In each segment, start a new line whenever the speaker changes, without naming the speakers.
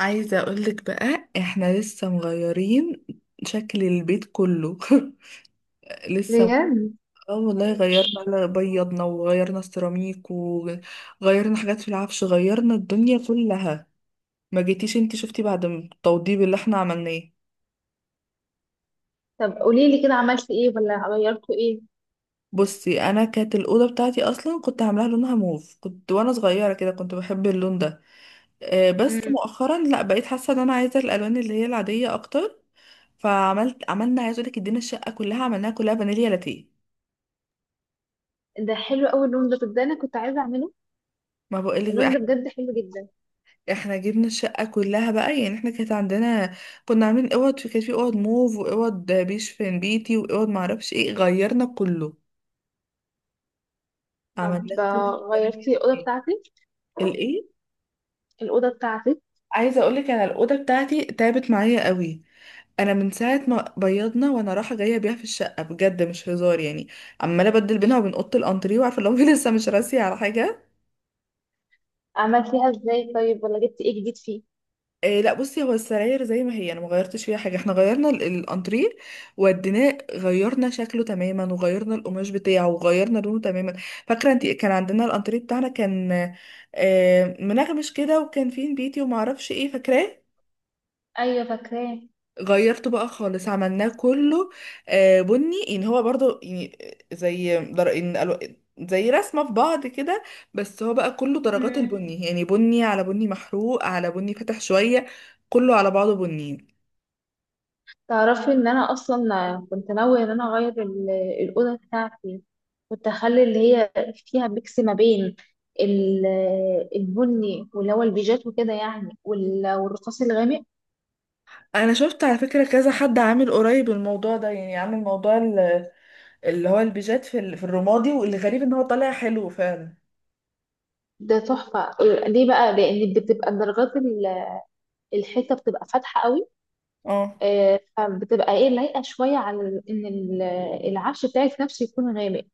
عايزة اقولك بقى احنا لسه مغيرين شكل البيت كله. لسه.
بجد.
اه والله، غيرنا على بيضنا وغيرنا السيراميك وغيرنا حاجات في العفش، غيرنا الدنيا كلها. ما جيتيش انتي شفتي بعد التوضيب اللي احنا عملناه.
طب قولي لي كده، عملتي ايه ولا غيرتوا ايه؟
بصي، انا كانت الاوضه بتاعتي اصلا كنت عاملاها لونها موف، كنت وانا صغيره كده كنت بحب اللون ده. بس
مم.
مؤخرا لا، بقيت حاسه ان انا عايزه الالوان اللي هي العاديه اكتر. فعملت، عملنا، عايزه اقول لك ادينا الشقه كلها عملناها كلها فانيليا لاتيه.
ده حلو قوي اللون ده انا كنت عايزه اعمله.
ما بقولك بقى،
اللون ده
احنا
بجد حلو جدا.
احنا جبنا الشقة كلها بقى، يعني احنا كانت عندنا، كنا عاملين اوض، في كانت في اوض موف واوض بيشفن بيتي واوض معرفش ايه، غيرنا كله عملناه
طب
كله
غيرتي
بنينا
الاوضه
فيه.
بتاعتي؟
الايه؟
الاوضه بتاعتي
عايزة اقولك انا الأوضة بتاعتي تعبت معايا قوي. انا من ساعة ما بيضنا وانا رايحة جاية بيها في الشقة، بجد مش هزار يعني. عمالة ابدل بينها وبين أوضة الانتريه، وعارفة لو لسه مش راسية على حاجة.
عملتيها ازاي؟ طيب، ولا جبتي ايه جديد فيه؟
إيه، لا بصي هو السراير زي ما هي، انا ما غيرتش فيها حاجه. احنا غيرنا الانتريه، وديناه غيرنا شكله تماما وغيرنا القماش بتاعه وغيرنا لونه تماما. فاكره انت كان عندنا الانتريه بتاعنا كان، منغمش كده، وكان فيه نبيتي وما اعرفش ايه، فاكراه؟
ايوه، فاكراه.
غيرته بقى خالص، عملناه كله بني يعني، هو برضو يعني زي در... إن الو- زي رسمه في بعض كده. بس هو بقى كله درجات
مم.
البني، يعني بني على بني محروق على بني فاتح شويه، كله على بعضه بني.
تعرفي ان انا اصلا كنت ناويه ان انا اغير الاوضه بتاعتي. كنت اخلي اللي هي فيها ميكس ما بين ال- البني واللي هو البيجات وكده يعني، والرصاص الغامق.
انا شفت على فكرة كذا حد عامل قريب الموضوع ده، يعني عامل موضوع اللي هو البيجات في في الرمادي، والغريب ان هو طالع حلو فعلا.
ده تحفة. ليه بقى؟ لأن بتبقى درجات الحيطة، بتبقى فاتحة قوي.
اه.
فبتبقى ايه لايقة شوية على العفش بتاعك نفسه يكون غامق.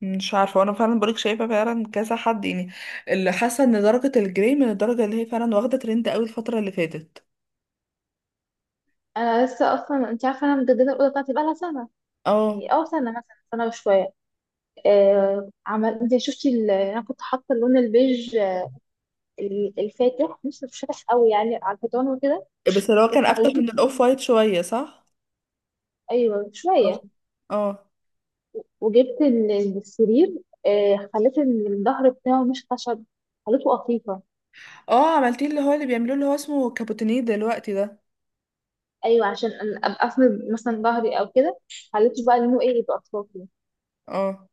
مش عارفة، وانا فعلا بقولك شايفة فعلا كذا حد يعني، اللي حاسة ان درجة الجري من الدرجة اللي هي فعلا واخدة ترند قوي الفترة اللي فاتت.
أنا لسه أصلا، أنت عارفة، أنا مجددة الأوضة بتاعتي بقالها سنة،
اه،
يعني أو سنة مثلا، سنة وشوية. آه، عمل أنت شفتي ال- أنا كنت حاطة اللون البيج، الفاتح، مش فاتح قوي يعني، على الحيطان وكده.
بس اللي هو كان افتح
وخليته.
من الاوف وايت شوية صح؟
أيوه،
اه.
شوية.
اه.
وجبت السرير. خليت الظهر بتاعه مش خشب، خليته قطيفة.
اه، عملتيه اللي هو اللي بيعملوه اللي هو اسمه كابوتينيه دلوقتي ده.
ايوه، عشان ابقى اسند مثلا ظهري او كده. خليته بقى لونه ايه، يبقى اطرافي.
اه.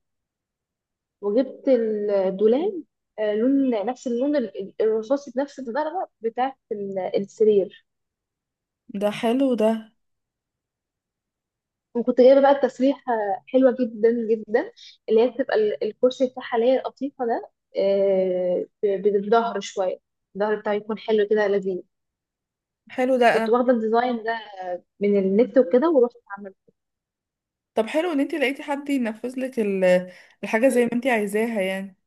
وجبت الدولاب، لون نفس اللون الرصاصي، بنفس الدرجه بتاعه السرير.
ده حلو ده.
وكنت جايبه بقى التسريحه، حلوه جدا جدا، اللي هي بتبقى الكرسي بتاعها اللي هي القطيفه ده. بالظهر شويه، الظهر بتاعه يكون حلو كده، لذيذ.
حلو
كنت
ده.
واخده الديزاين ده من النت وكده ورحت.
طب حلو ان انت لقيتي حد ينفذ لك الحاجه زي ما انت عايزاها يعني.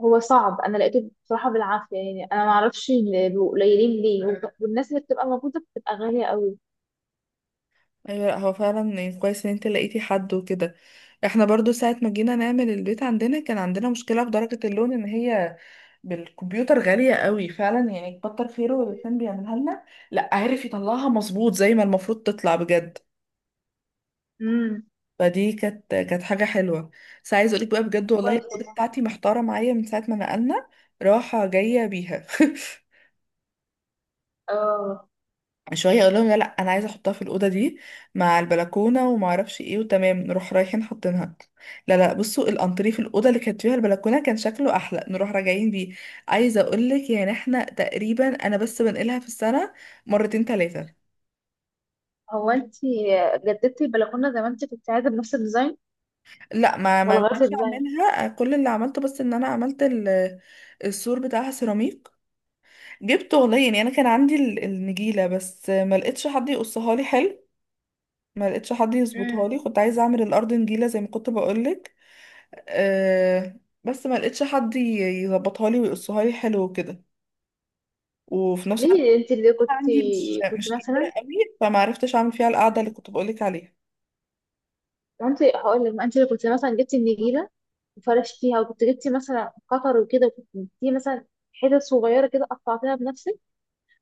هو صعب، انا لقيته بصراحه بالعافيه يعني، انا ما اعرفش بيبقوا قليلين ليه، والناس اللي بتبقى موجوده بتبقى غاليه قوي.
ايوه، لا هو فعلا يعني كويس ان انت لقيتي حد وكده. احنا برضو ساعه ما جينا نعمل البيت عندنا كان عندنا مشكله في درجه اللون، ان هي بالكمبيوتر غاليه قوي فعلا، يعني كتر خيره اللي كان بيعملها لنا، لا عارف يطلعها مظبوط زي ما المفروض تطلع بجد.
امم.
فدي كانت حاجه حلوه. بس عايز اقولك بقى، بجد والله
كويس
الاوضه
والله.
بتاعتي محتاره معايا من ساعه ما نقلنا، راحه جايه بيها.
اه.
شويه اقول لهم لا لا انا عايزه احطها في الاوضه دي مع البلكونه وما اعرفش ايه، وتمام نروح رايحين حاطينها. لا لا، بصوا الانتريه في الاوضه اللي كانت فيها البلكونه كان شكله احلى، نروح راجعين بيه. عايزه اقول لك يعني احنا تقريبا انا بس بنقلها في السنه مرتين ثلاثه.
هو انت جددتي البلكونه زي ما انت كنت عايزه بنفس الديزاين،
لا، ما
ولا غيرتي
نفعش
الديزاين؟
اعملها، كل اللي عملته بس ان انا عملت السور بتاعها سيراميك. جبت والله يعني، انا كان عندي النجيله، بس ما لقيتش حد يقصها لي حلو، ما لقيتش حد
مم.
يظبطها لي. كنت عايزه اعمل الارض نجيله زي ما كنت بقول لك. أه بس ما لقيتش حد يظبطها لي ويقصها لي حلو وكده، وفي نفس الوقت
ليه انت اللي
أنا
كنت
عندي مش
كنت
مش كتيرة
مثلا؟
قوي، فما عرفتش اعمل فيها القعده
مم.
اللي كنت بقولك عليها.
وانت هقول لك، ما انت اللي كنت مثلا جبتي النجيله وفرشتيها، وكنت جبتي مثلا قطر وكده، وكنت جبتي مثلا حتت صغيره كده قطعتيها بنفسك،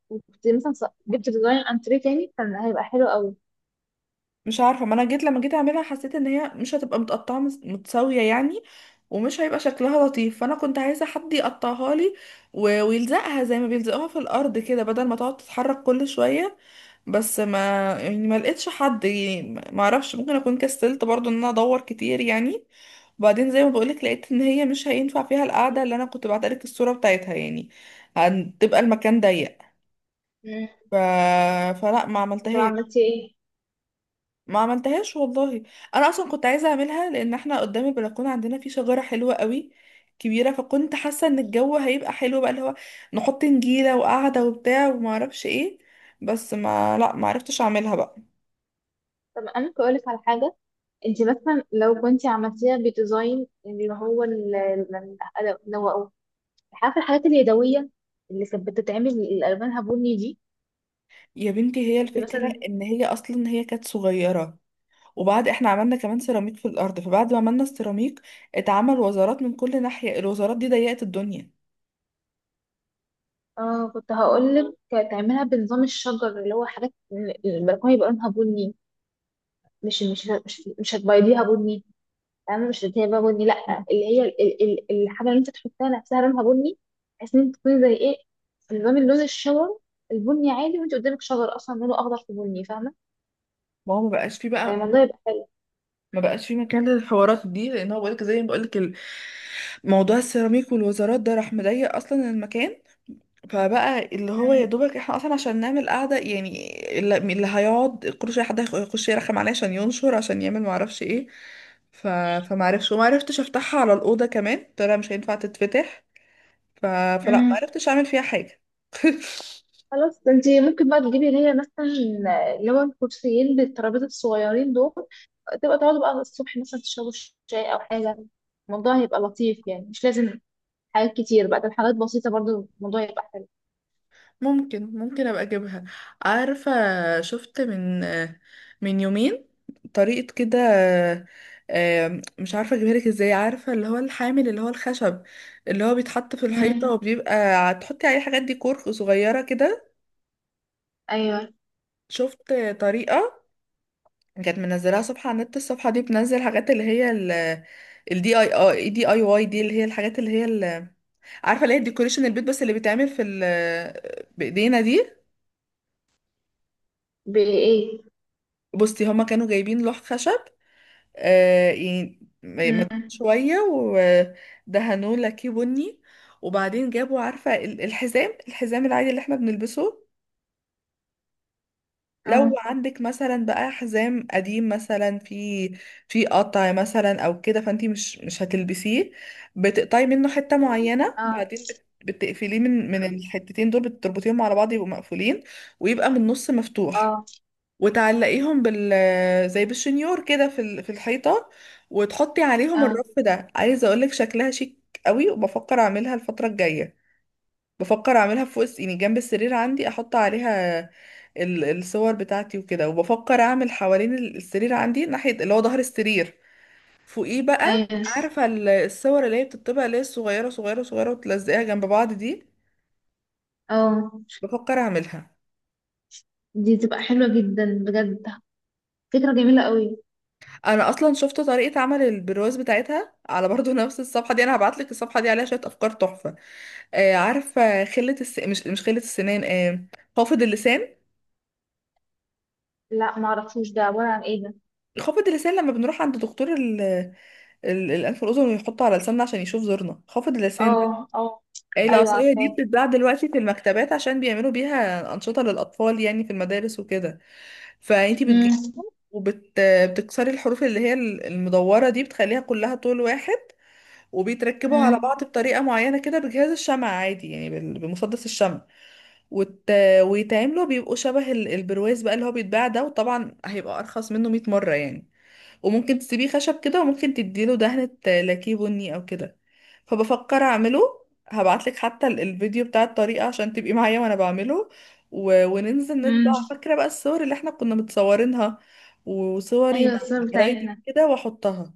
وكنت مثلا جبت ديزاين انتريه تاني كان هيبقى حلو قوي.
مش عارفه، ما انا جيت لما جيت اعملها حسيت ان هي مش هتبقى متقطعه متساويه يعني، ومش هيبقى شكلها لطيف، فانا كنت عايزه حد يقطعها لي ويلزقها زي ما بيلزقوها في الارض كده، بدل ما تقعد تتحرك كل شويه. بس ما يعني ما لقيتش حد، يعني ما اعرفش ممكن اكون كسلت برضو ان انا ادور كتير يعني. وبعدين زي ما بقولك لقيت ان هي مش هينفع فيها القعده اللي انا كنت بعتلك الصوره بتاعتها يعني، هتبقى المكان ضيق. ف... فلا ما
طب
عملتهاش.
عملتي ايه؟
ما عملتهاش والله. انا اصلا كنت عايزه اعملها لان احنا قدام البلكونه عندنا في شجره حلوه قوي كبيره، فكنت حاسه ان الجو هيبقى حلو بقى، اللي هو نحط نجيله وقعده وبتاع وما اعرفش ايه، بس ما عرفتش اعملها بقى.
طب انا ممكن اقولك على حاجه؟ انت مثلا لو كنت عملتيها بديزاين، اللي هو ال- لو أو- عارفه الحاجات اليدويه اللي كانت بتتعمل اللي الوانها بني دي،
يا بنتي هي
كنت
الفكرة
مثلا.
ان هي اصلا هي كانت صغيرة، وبعد احنا عملنا كمان سيراميك في الارض، فبعد ما عملنا السيراميك اتعمل وزارات من كل ناحية، الوزارات دي ضيقت الدنيا.
اه، كنت هقولك تعملها بنظام الشجر، اللي هو حاجات البلكونه يبقى لونها بني. مش هتبيضيها بني. انا مش اللي هي بقى بني، لا، اللي هي الحاجه اللي انت تحطها نفسها لونها بني، بحيث ان انت تكوني زي ايه، في نظام اللون الشجر البني عادي، وانت قدامك شجر اصلا لونه اخضر في بني، فاهمه؟
ما هو ما بقاش فيه بقى.
فالموضوع يبقى حلو.
ما بقاش فيه مكان للحوارات دي، لان هو بقولك زي ما بقولك موضوع السيراميك والوزارات ده راح مضيق اصلا المكان، فبقى اللي هو يا
مم.
دوبك احنا اصلا عشان نعمل قعده يعني، اللي اللي هيقعد كل شويه حد يخش يرخم عليا عشان ينشر، عشان يعمل معرفش ايه. ف... فمعرفش، ومعرفتش افتحها على الاوضه كمان، طلع مش هينفع تتفتح. ف... فلا،
مم.
معرفتش اعمل فيها حاجه.
خلاص، ده انت ممكن بقى تجيبي اللي هي مثلا، اللي هو الكرسيين بالترابيزه الصغيرين دول، تبقى تقعدوا بقى الصبح مثلا تشربوا شاي او حاجه. الموضوع هيبقى لطيف، يعني مش لازم حاجات كتير بقى، ده حاجات بسيطه، برضو الموضوع يبقى حلو.
ممكن ابقى اجيبها. عارفة، شفت من يومين طريقة كده. مش عارفة اجيبها لك ازاي، عارفة اللي هو الحامل اللي هو الخشب اللي هو بيتحط في الحيطة
مم.
وبيبقى تحطي عليه حاجات ديكور صغيرة كده.
ايوه.
شفت طريقة كانت منزلاها صفحة على النت، الصفحة دي بتنزل حاجات اللي هي الدي اي اي، دي اي واي، دي اللي هي الحاجات اللي هي عارفة اللي هي الديكوريشن البيت، بس اللي بيتعمل في بإيدينا دي.
بايه؟
بصي هما كانوا جايبين لوح خشب، يعني
مم.
مجهود شوية، ودهنوه لاكيه بني، وبعدين جابوا عارفة الحزام، الحزام العادي اللي احنا بنلبسه. لو عندك مثلا بقى حزام قديم مثلا في في قطع مثلا او كده، فانتي مش هتلبسيه، بتقطعي منه حتة معينة،
اه.
بعدين بتقفليه من الحتتين دول، بتربطيهم على بعض يبقوا مقفولين، ويبقى من النص مفتوح،
اه.
وتعلقيهم بال زي بالشنيور كده في في الحيطة، وتحطي عليهم
اه.
الرف ده. عايزة اقولك شكلها شيك قوي، وبفكر اعملها الفترة الجاية. بفكر اعملها فوق يعني جنب السرير عندي، احط عليها الصور بتاعتي وكده. وبفكر اعمل حوالين السرير عندي ناحية اللي هو ظهر السرير، فوقيه بقى،
ايوه.
عارفة الصور اللي هي بتطبع اللي هي الصغيرة صغيرة صغيرة، وتلزقيها جنب بعض دي.
اه.
بفكر اعملها.
دي تبقى حلوة جدا بجد، فكرة جميلة قوي.
انا اصلا شفت طريقه عمل البرواز بتاعتها على برضو نفس الصفحه دي. انا هبعت لك الصفحه دي، عليها شويه افكار تحفه. آه عارفه، خله الس... مش مش خله السنان، آه خافض اللسان.
لا، ما اعرفوش ده عبارة عن ايه ده؟
خافض اللسان لما بنروح عند دكتور الانف والاذن ويحطه على لساننا عشان يشوف زورنا، خافض اللسان ده.
اه، اه.
آه،
ايوه،
العصايه دي
عارفاه.
بتتباع دلوقتي في المكتبات، عشان بيعملوا بيها انشطه للاطفال يعني في المدارس وكده. فانتي بتجيبي
امم.
وبتكسري الحروف اللي هي المدوره دي، بتخليها كلها طول واحد، وبيتركبوا على
امم.
بعض بطريقة معينة كده بجهاز الشمع عادي يعني بمسدس الشمع. وت... ويتعملوا بيبقوا شبه البرواز بقى اللي هو بيتباع ده، وطبعا هيبقى أرخص منه 100 مرة يعني، وممكن تسيبيه خشب كده، وممكن تديله دهنة لاكيه بني أو كده، فبفكر أعمله. هبعتلك حتى الفيديو بتاع الطريقة عشان تبقي معايا وأنا بعمله. وننزل
امم.
نطبع، فاكرة بقى الصور اللي احنا كنا متصورينها وصوري
ايوه،
مع
الصور
قرايبي
بتاعتنا.
كده وأحطها.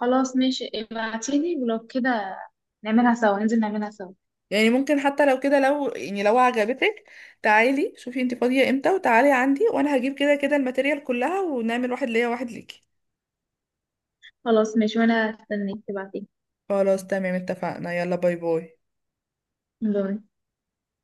خلاص، ماشي، ابعتيلي ولو كده، نعملها سوا، ننزل نعملها سوا.
يعني ممكن حتى لو كده لو يعني لو عجبتك، تعالي شوفي انت فاضية امتى وتعالي عندي، وانا هجيب كده كده الماتيريال كلها، ونعمل واحد ليا واحد ليكي.
خلاص، ماشي، وانا استنيك تبعتيلي.
خلاص تمام اتفقنا، يلا باي باي.
باي.